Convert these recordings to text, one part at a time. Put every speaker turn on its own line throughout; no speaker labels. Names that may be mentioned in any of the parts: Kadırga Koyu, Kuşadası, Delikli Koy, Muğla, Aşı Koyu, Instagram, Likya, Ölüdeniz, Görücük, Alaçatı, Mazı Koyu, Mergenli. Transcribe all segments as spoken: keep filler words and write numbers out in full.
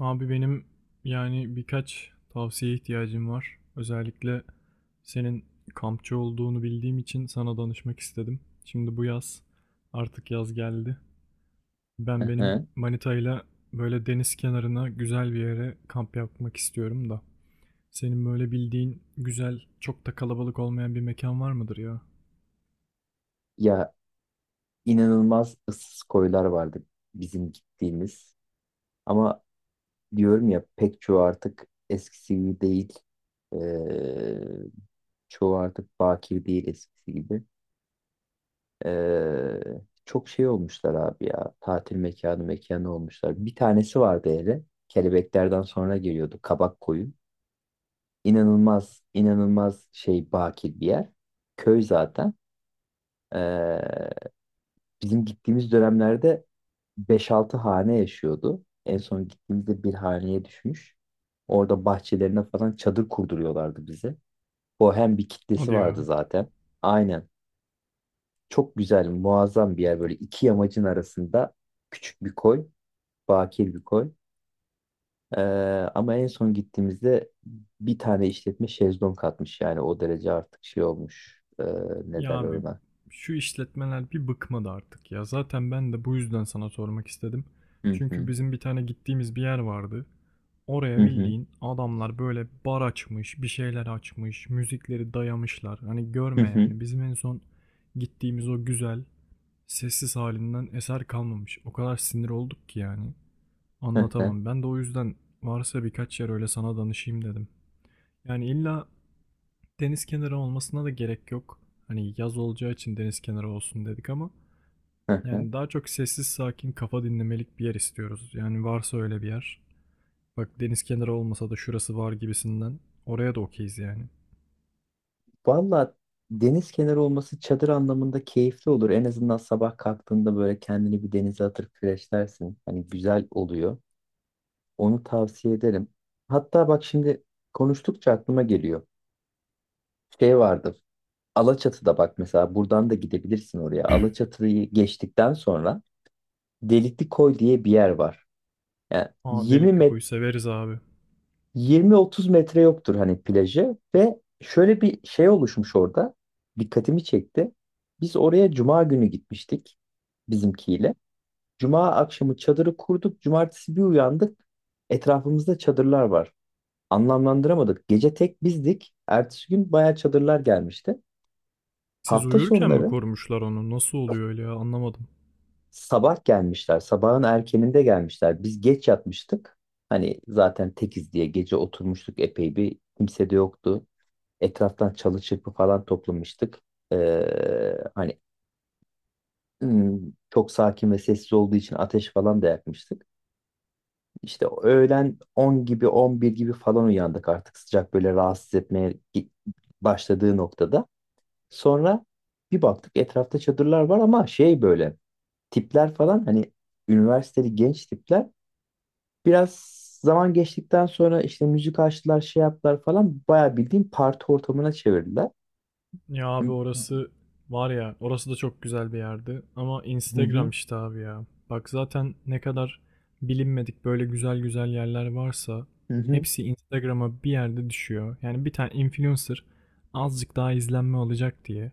Abi benim yani birkaç tavsiye ihtiyacım var. Özellikle senin kampçı olduğunu bildiğim için sana danışmak istedim. Şimdi bu yaz artık yaz geldi. Ben
Hı
benim
hı.
manitayla böyle deniz kenarına güzel bir yere kamp yapmak istiyorum da. Senin böyle bildiğin güzel çok da kalabalık olmayan bir mekan var mıdır ya?
Ya inanılmaz ıssız koylar vardı bizim gittiğimiz. Ama diyorum ya pek çoğu artık eskisi gibi değil. Ee, Çoğu artık bakir değil eskisi gibi. Ee, Çok şey olmuşlar abi ya. Tatil mekanı mekanı olmuşlar. Bir tanesi vardı hele. Kelebeklerden sonra geliyordu Kabak Koyu. İnanılmaz inanılmaz şey bakir bir yer. Köy zaten. Bizim gittiğimiz dönemlerde beş-altı hane yaşıyordu. En son gittiğimizde bir haneye düşmüş. Orada bahçelerine falan çadır kurduruyorlardı bize. Bohem bir kitlesi
Hadi ya.
vardı zaten. Aynen. Çok güzel, muazzam bir yer. Böyle iki yamacın arasında küçük bir koy, bakir bir koy. Ee, Ama en son gittiğimizde bir tane işletme şezlong katmış. Yani o derece artık şey olmuş. Ee, ne
Ya
derler
abi
ona?
şu işletmeler bir bıkmadı artık ya. Zaten ben de bu yüzden sana sormak istedim.
Hı
Çünkü
hı.
bizim bir tane gittiğimiz bir yer vardı.
Hı
Oraya
hı.
bildiğin adamlar böyle bar açmış, bir şeyler açmış, müzikleri dayamışlar. Hani
Hı
görme
hı.
yani bizim en son gittiğimiz o güzel, sessiz halinden eser kalmamış. O kadar sinir olduk ki yani.
Hı hı.
Anlatamam. Ben de o yüzden varsa birkaç yer öyle sana danışayım dedim. Yani illa deniz kenarı olmasına da gerek yok. Hani yaz olacağı için deniz kenarı olsun dedik ama
Hı hı.
yani daha çok sessiz sakin kafa dinlemelik bir yer istiyoruz. Yani varsa öyle bir yer. Bak deniz kenarı olmasa da şurası var gibisinden. Oraya da okeyiz yani.
Valla deniz kenarı olması çadır anlamında keyifli olur. En azından sabah kalktığında böyle kendini bir denize atıp freshlersin. Hani güzel oluyor. Onu tavsiye ederim. Hatta bak şimdi konuştukça aklıma geliyor. Şey vardı. Alaçatı'da bak mesela buradan da gidebilirsin oraya. Alaçatı'yı geçtikten sonra Delikli Koy diye bir yer var. Yani
Aa
yirmi
delikli kuyu severiz abi.
yirmi otuz metre yoktur hani plajı ve şöyle bir şey oluşmuş orada. Dikkatimi çekti. Biz oraya cuma günü gitmiştik bizimkiyle. Cuma akşamı çadırı kurduk. Cumartesi bir uyandık. Etrafımızda çadırlar var. Anlamlandıramadık. Gece tek bizdik. Ertesi gün bayağı çadırlar gelmişti.
Siz
Hafta
uyurken mi
sonları
korumuşlar onu? Nasıl oluyor öyle ya anlamadım.
sabah gelmişler. Sabahın erkeninde gelmişler. Biz geç yatmıştık. Hani zaten tekiz diye gece oturmuştuk epey bir kimse de yoktu. Etraftan çalı çırpı falan toplamıştık. Ee, hani hmm, çok sakin ve sessiz olduğu için ateş falan da yakmıştık. İşte öğlen on gibi on bir gibi falan uyandık artık sıcak böyle rahatsız etmeye gi- başladığı noktada. Sonra bir baktık etrafta çadırlar var ama şey böyle tipler falan hani üniversiteli genç tipler biraz zaman geçtikten sonra işte müzik açtılar şey yaptılar falan bayağı bildiğin parti ortamına çevirdiler.
Ya abi
Hı
orası var ya orası da çok güzel bir yerdi ama
hı
Instagram işte abi ya. Bak zaten ne kadar bilinmedik böyle güzel güzel yerler varsa
hı hı.
hepsi Instagram'a bir yerde düşüyor. Yani bir tane influencer azıcık daha izlenme alacak diye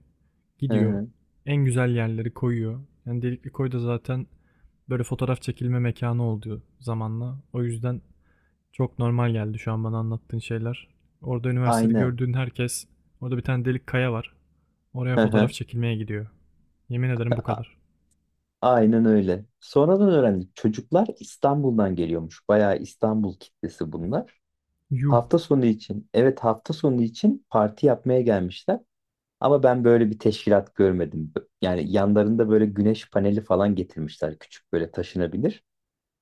Hı
gidiyor
hı.
en güzel yerleri koyuyor. Yani Delikli Koy da zaten böyle fotoğraf çekilme mekanı oldu zamanla. O yüzden çok normal geldi şu an bana anlattığın şeyler. Orada üniversitede
Aynen.
gördüğün herkes. Orada bir tane delik kaya var. Oraya
Hı
fotoğraf
hı.
çekilmeye gidiyor. Yemin ederim bu
A-
kadar.
Aynen öyle. Sonradan öğrendik. Çocuklar İstanbul'dan geliyormuş. Bayağı İstanbul kitlesi bunlar.
Yuh.
Hafta sonu için, evet hafta sonu için parti yapmaya gelmişler. Ama ben böyle bir teşkilat görmedim. Yani yanlarında böyle güneş paneli falan getirmişler. Küçük böyle taşınabilir.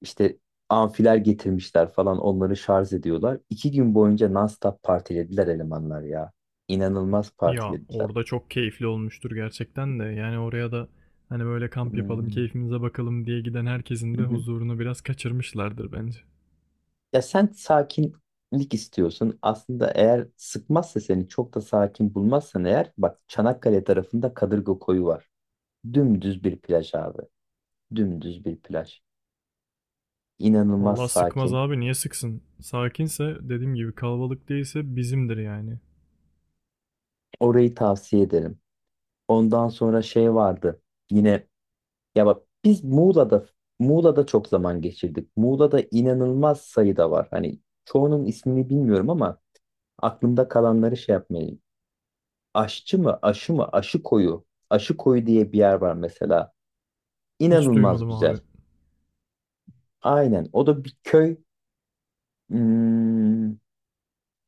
İşte amfiler getirmişler falan. Onları şarj ediyorlar. İki gün boyunca non-stop partilediler elemanlar ya. İnanılmaz
Ya
partilediler.
orada çok keyifli olmuştur gerçekten de. Yani oraya da hani böyle kamp yapalım,
Hmm.
keyfimize bakalım diye giden herkesin de huzurunu biraz kaçırmışlardır bence.
Ya sen sakinlik istiyorsun. Aslında eğer sıkmazsa seni çok da sakin bulmazsan eğer bak Çanakkale tarafında Kadırga Koyu var. Dümdüz bir plaj abi. Dümdüz bir plaj. İnanılmaz
Vallahi sıkmaz
sakin.
abi niye sıksın? Sakinse dediğim gibi kalabalık değilse bizimdir yani.
Orayı tavsiye ederim. Ondan sonra şey vardı. Yine ya bak biz Muğla'da Muğla'da çok zaman geçirdik. Muğla'da inanılmaz sayıda var. Hani çoğunun ismini bilmiyorum ama aklımda kalanları şey yapmaya Aşçı mı, aşı mı, aşı koyu. Aşı koyu diye bir yer var mesela.
Hiç
İnanılmaz
duymadım abi.
güzel. Aynen. O da bir köy. Hmm,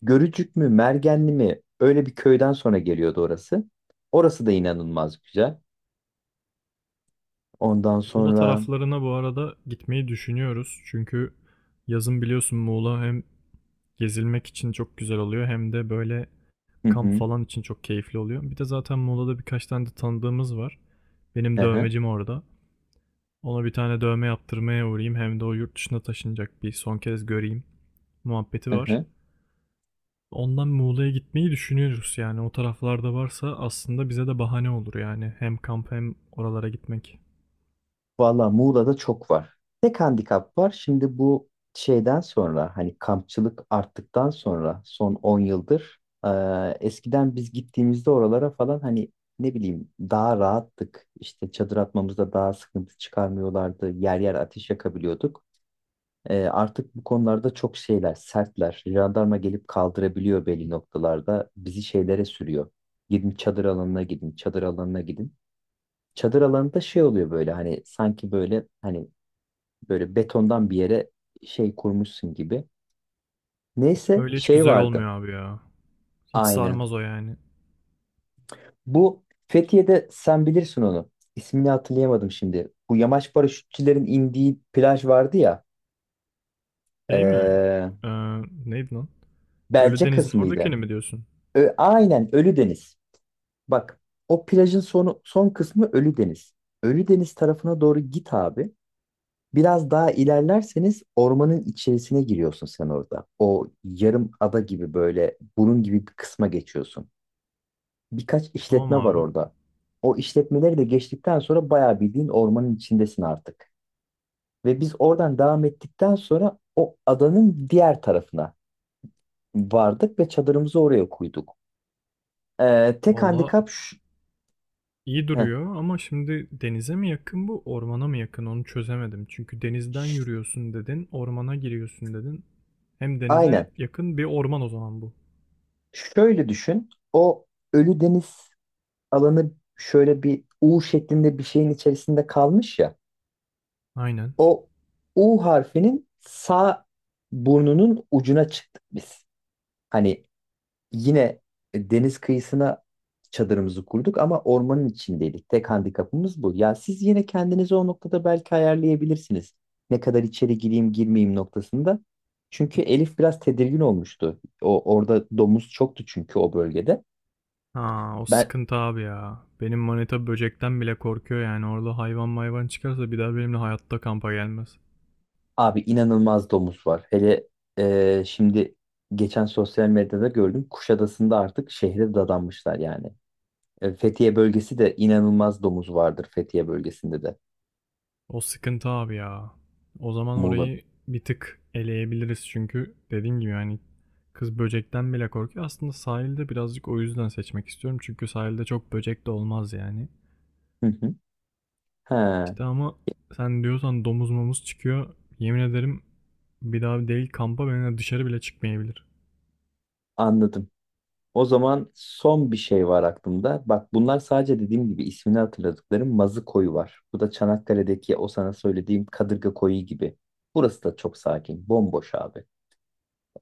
Görücük mü, Mergenli mi? Öyle bir köyden sonra geliyordu orası. Orası da inanılmaz güzel. Ondan
Muğla
sonra...
taraflarına bu arada gitmeyi düşünüyoruz. Çünkü yazın biliyorsun Muğla hem gezilmek için çok güzel oluyor hem de böyle
Hı
kamp
hı,
falan için çok keyifli oluyor. Bir de zaten Muğla'da birkaç tane de tanıdığımız var.
hı
Benim
hı,
dövmecim orada. Ona bir tane dövme yaptırmaya uğrayayım. Hem de o yurt dışına taşınacak bir son kez göreyim muhabbeti
hı
var.
hı.
Ondan Muğla'ya gitmeyi düşünüyoruz yani. O taraflarda varsa aslında bize de bahane olur yani. Hem kamp hem oralara gitmek.
Valla Muğla'da çok var. Tek handikap var. Şimdi bu şeyden sonra hani kampçılık arttıktan sonra son on yıldır e, eskiden biz gittiğimizde oralara falan hani ne bileyim daha rahattık. İşte çadır atmamızda daha sıkıntı çıkarmıyorlardı. Yer yer ateş yakabiliyorduk. E, artık bu konularda çok şeyler sertler. Jandarma gelip kaldırabiliyor belli noktalarda. Bizi şeylere sürüyor. Gidin çadır alanına gidin, çadır alanına gidin. Çadır alanında şey oluyor böyle hani sanki böyle hani böyle betondan bir yere şey kurmuşsun gibi. Neyse
Öyle hiç
şey
güzel olmuyor
vardı.
abi ya. Hiç
Aynen.
sarmaz o yani.
Bu Fethiye'de sen bilirsin onu. İsmini hatırlayamadım şimdi. Bu yamaç paraşütçülerin indiği plaj vardı ya.
Şey mi?
Ee,
Ee, Neydi lan?
Belce
Ölüdeniz'in
kısmıydı.
oradakini mi diyorsun?
Ö- aynen Ölüdeniz. Bak o plajın sonu, son kısmı Ölüdeniz. Ölüdeniz tarafına doğru git abi. Biraz daha ilerlerseniz ormanın içerisine giriyorsun sen orada. O yarım ada gibi böyle bunun gibi bir kısma geçiyorsun. Birkaç
Tamam
işletme var
abi.
orada. O işletmeleri de geçtikten sonra bayağı bildiğin ormanın içindesin artık. Ve biz oradan devam ettikten sonra o adanın diğer tarafına vardık ve çadırımızı oraya koyduk. Ee, tek
Valla
handikap şu,
İyi
heh,
duruyor ama şimdi denize mi yakın bu, ormana mı yakın onu çözemedim. Çünkü denizden
ş-
yürüyorsun dedin, ormana giriyorsun dedin. Hem denize
aynen.
yakın bir orman o zaman bu.
Şöyle düşün. O Ölü Deniz alanı şöyle bir U şeklinde bir şeyin içerisinde kalmış ya.
Aynen.
O U harfinin sağ burnunun ucuna çıktık biz. Hani yine deniz kıyısına çadırımızı kurduk ama ormanın içindeydik. Tek handikapımız bu. Ya siz yine kendinizi o noktada belki ayarlayabilirsiniz. Ne kadar içeri gireyim girmeyeyim noktasında. Çünkü Elif biraz tedirgin olmuştu. O orada domuz çoktu çünkü o bölgede.
Ha, o
Ben
sıkıntı abi ya. Benim manita böcekten bile korkuyor yani. Orada hayvan mayvan çıkarsa bir daha benimle hayatta kampa gelmez.
abi inanılmaz domuz var. Hele e, şimdi geçen sosyal medyada gördüm. Kuşadası'nda artık şehre dadanmışlar yani. E, Fethiye bölgesi de inanılmaz domuz vardır Fethiye bölgesinde de.
O sıkıntı abi ya. O zaman
Muğla.
orayı bir tık eleyebiliriz çünkü dediğim gibi yani kız böcekten bile korkuyor. Aslında sahilde birazcık o yüzden seçmek istiyorum. Çünkü sahilde çok böcek de olmaz yani.
Hı hı. He,
İşte ama sen diyorsan domuz momuz çıkıyor. Yemin ederim bir daha değil kampa benimle dışarı bile çıkmayabilir.
anladım. O zaman son bir şey var aklımda. Bak bunlar sadece dediğim gibi ismini hatırladıklarım Mazı Koyu var. Bu da Çanakkale'deki o sana söylediğim Kadırga Koyu gibi. Burası da çok sakin, bomboş abi.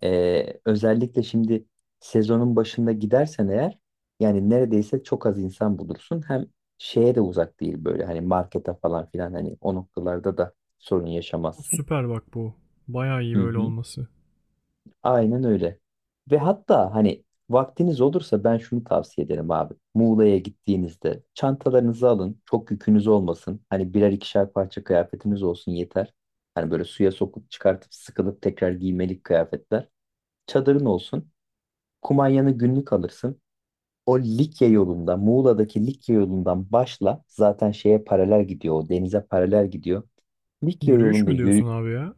Ee, özellikle şimdi sezonun başında gidersen eğer yani neredeyse çok az insan bulursun. Hem şeye de uzak değil böyle hani markete falan filan hani o noktalarda da sorun yaşamazsın.
Süper bak bu. Bayağı iyi
Hı
böyle
hı.
olması.
Aynen öyle. Ve hatta hani vaktiniz olursa ben şunu tavsiye ederim abi. Muğla'ya gittiğinizde çantalarınızı alın. Çok yükünüz olmasın. Hani birer ikişer parça kıyafetiniz olsun yeter. Hani böyle suya sokup çıkartıp sıkılıp tekrar giymelik kıyafetler. Çadırın olsun. Kumanyanı günlük alırsın. O Likya yolunda, Muğla'daki Likya yolundan başla. Zaten şeye paralel gidiyor. O denize paralel gidiyor. Likya
Yürüyüş
yolunda
mü
yürü-
diyorsun abi ya?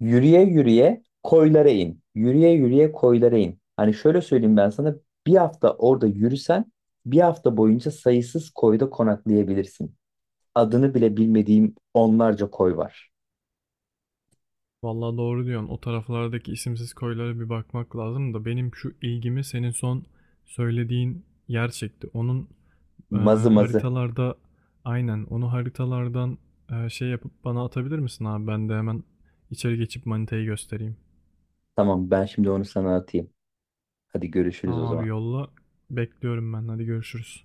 yürüye yürüye koylara in. Yürüye yürüye koylara in. Hani şöyle söyleyeyim ben sana. Bir hafta orada yürüsen bir hafta boyunca sayısız koyda konaklayabilirsin. Adını bile bilmediğim onlarca koy var.
Vallahi doğru diyorsun. O taraflardaki isimsiz koylara bir bakmak lazım da benim şu ilgimi senin son söylediğin yer çekti. Onun e,
Mazı mazı.
haritalarda aynen onu haritalardan e, şey yapıp bana atabilir misin abi? Ben de hemen içeri geçip manitayı göstereyim.
Tamam ben şimdi onu sana atayım. Hadi görüşürüz o
Tamam abi
zaman.
yolla. Bekliyorum ben. Hadi görüşürüz.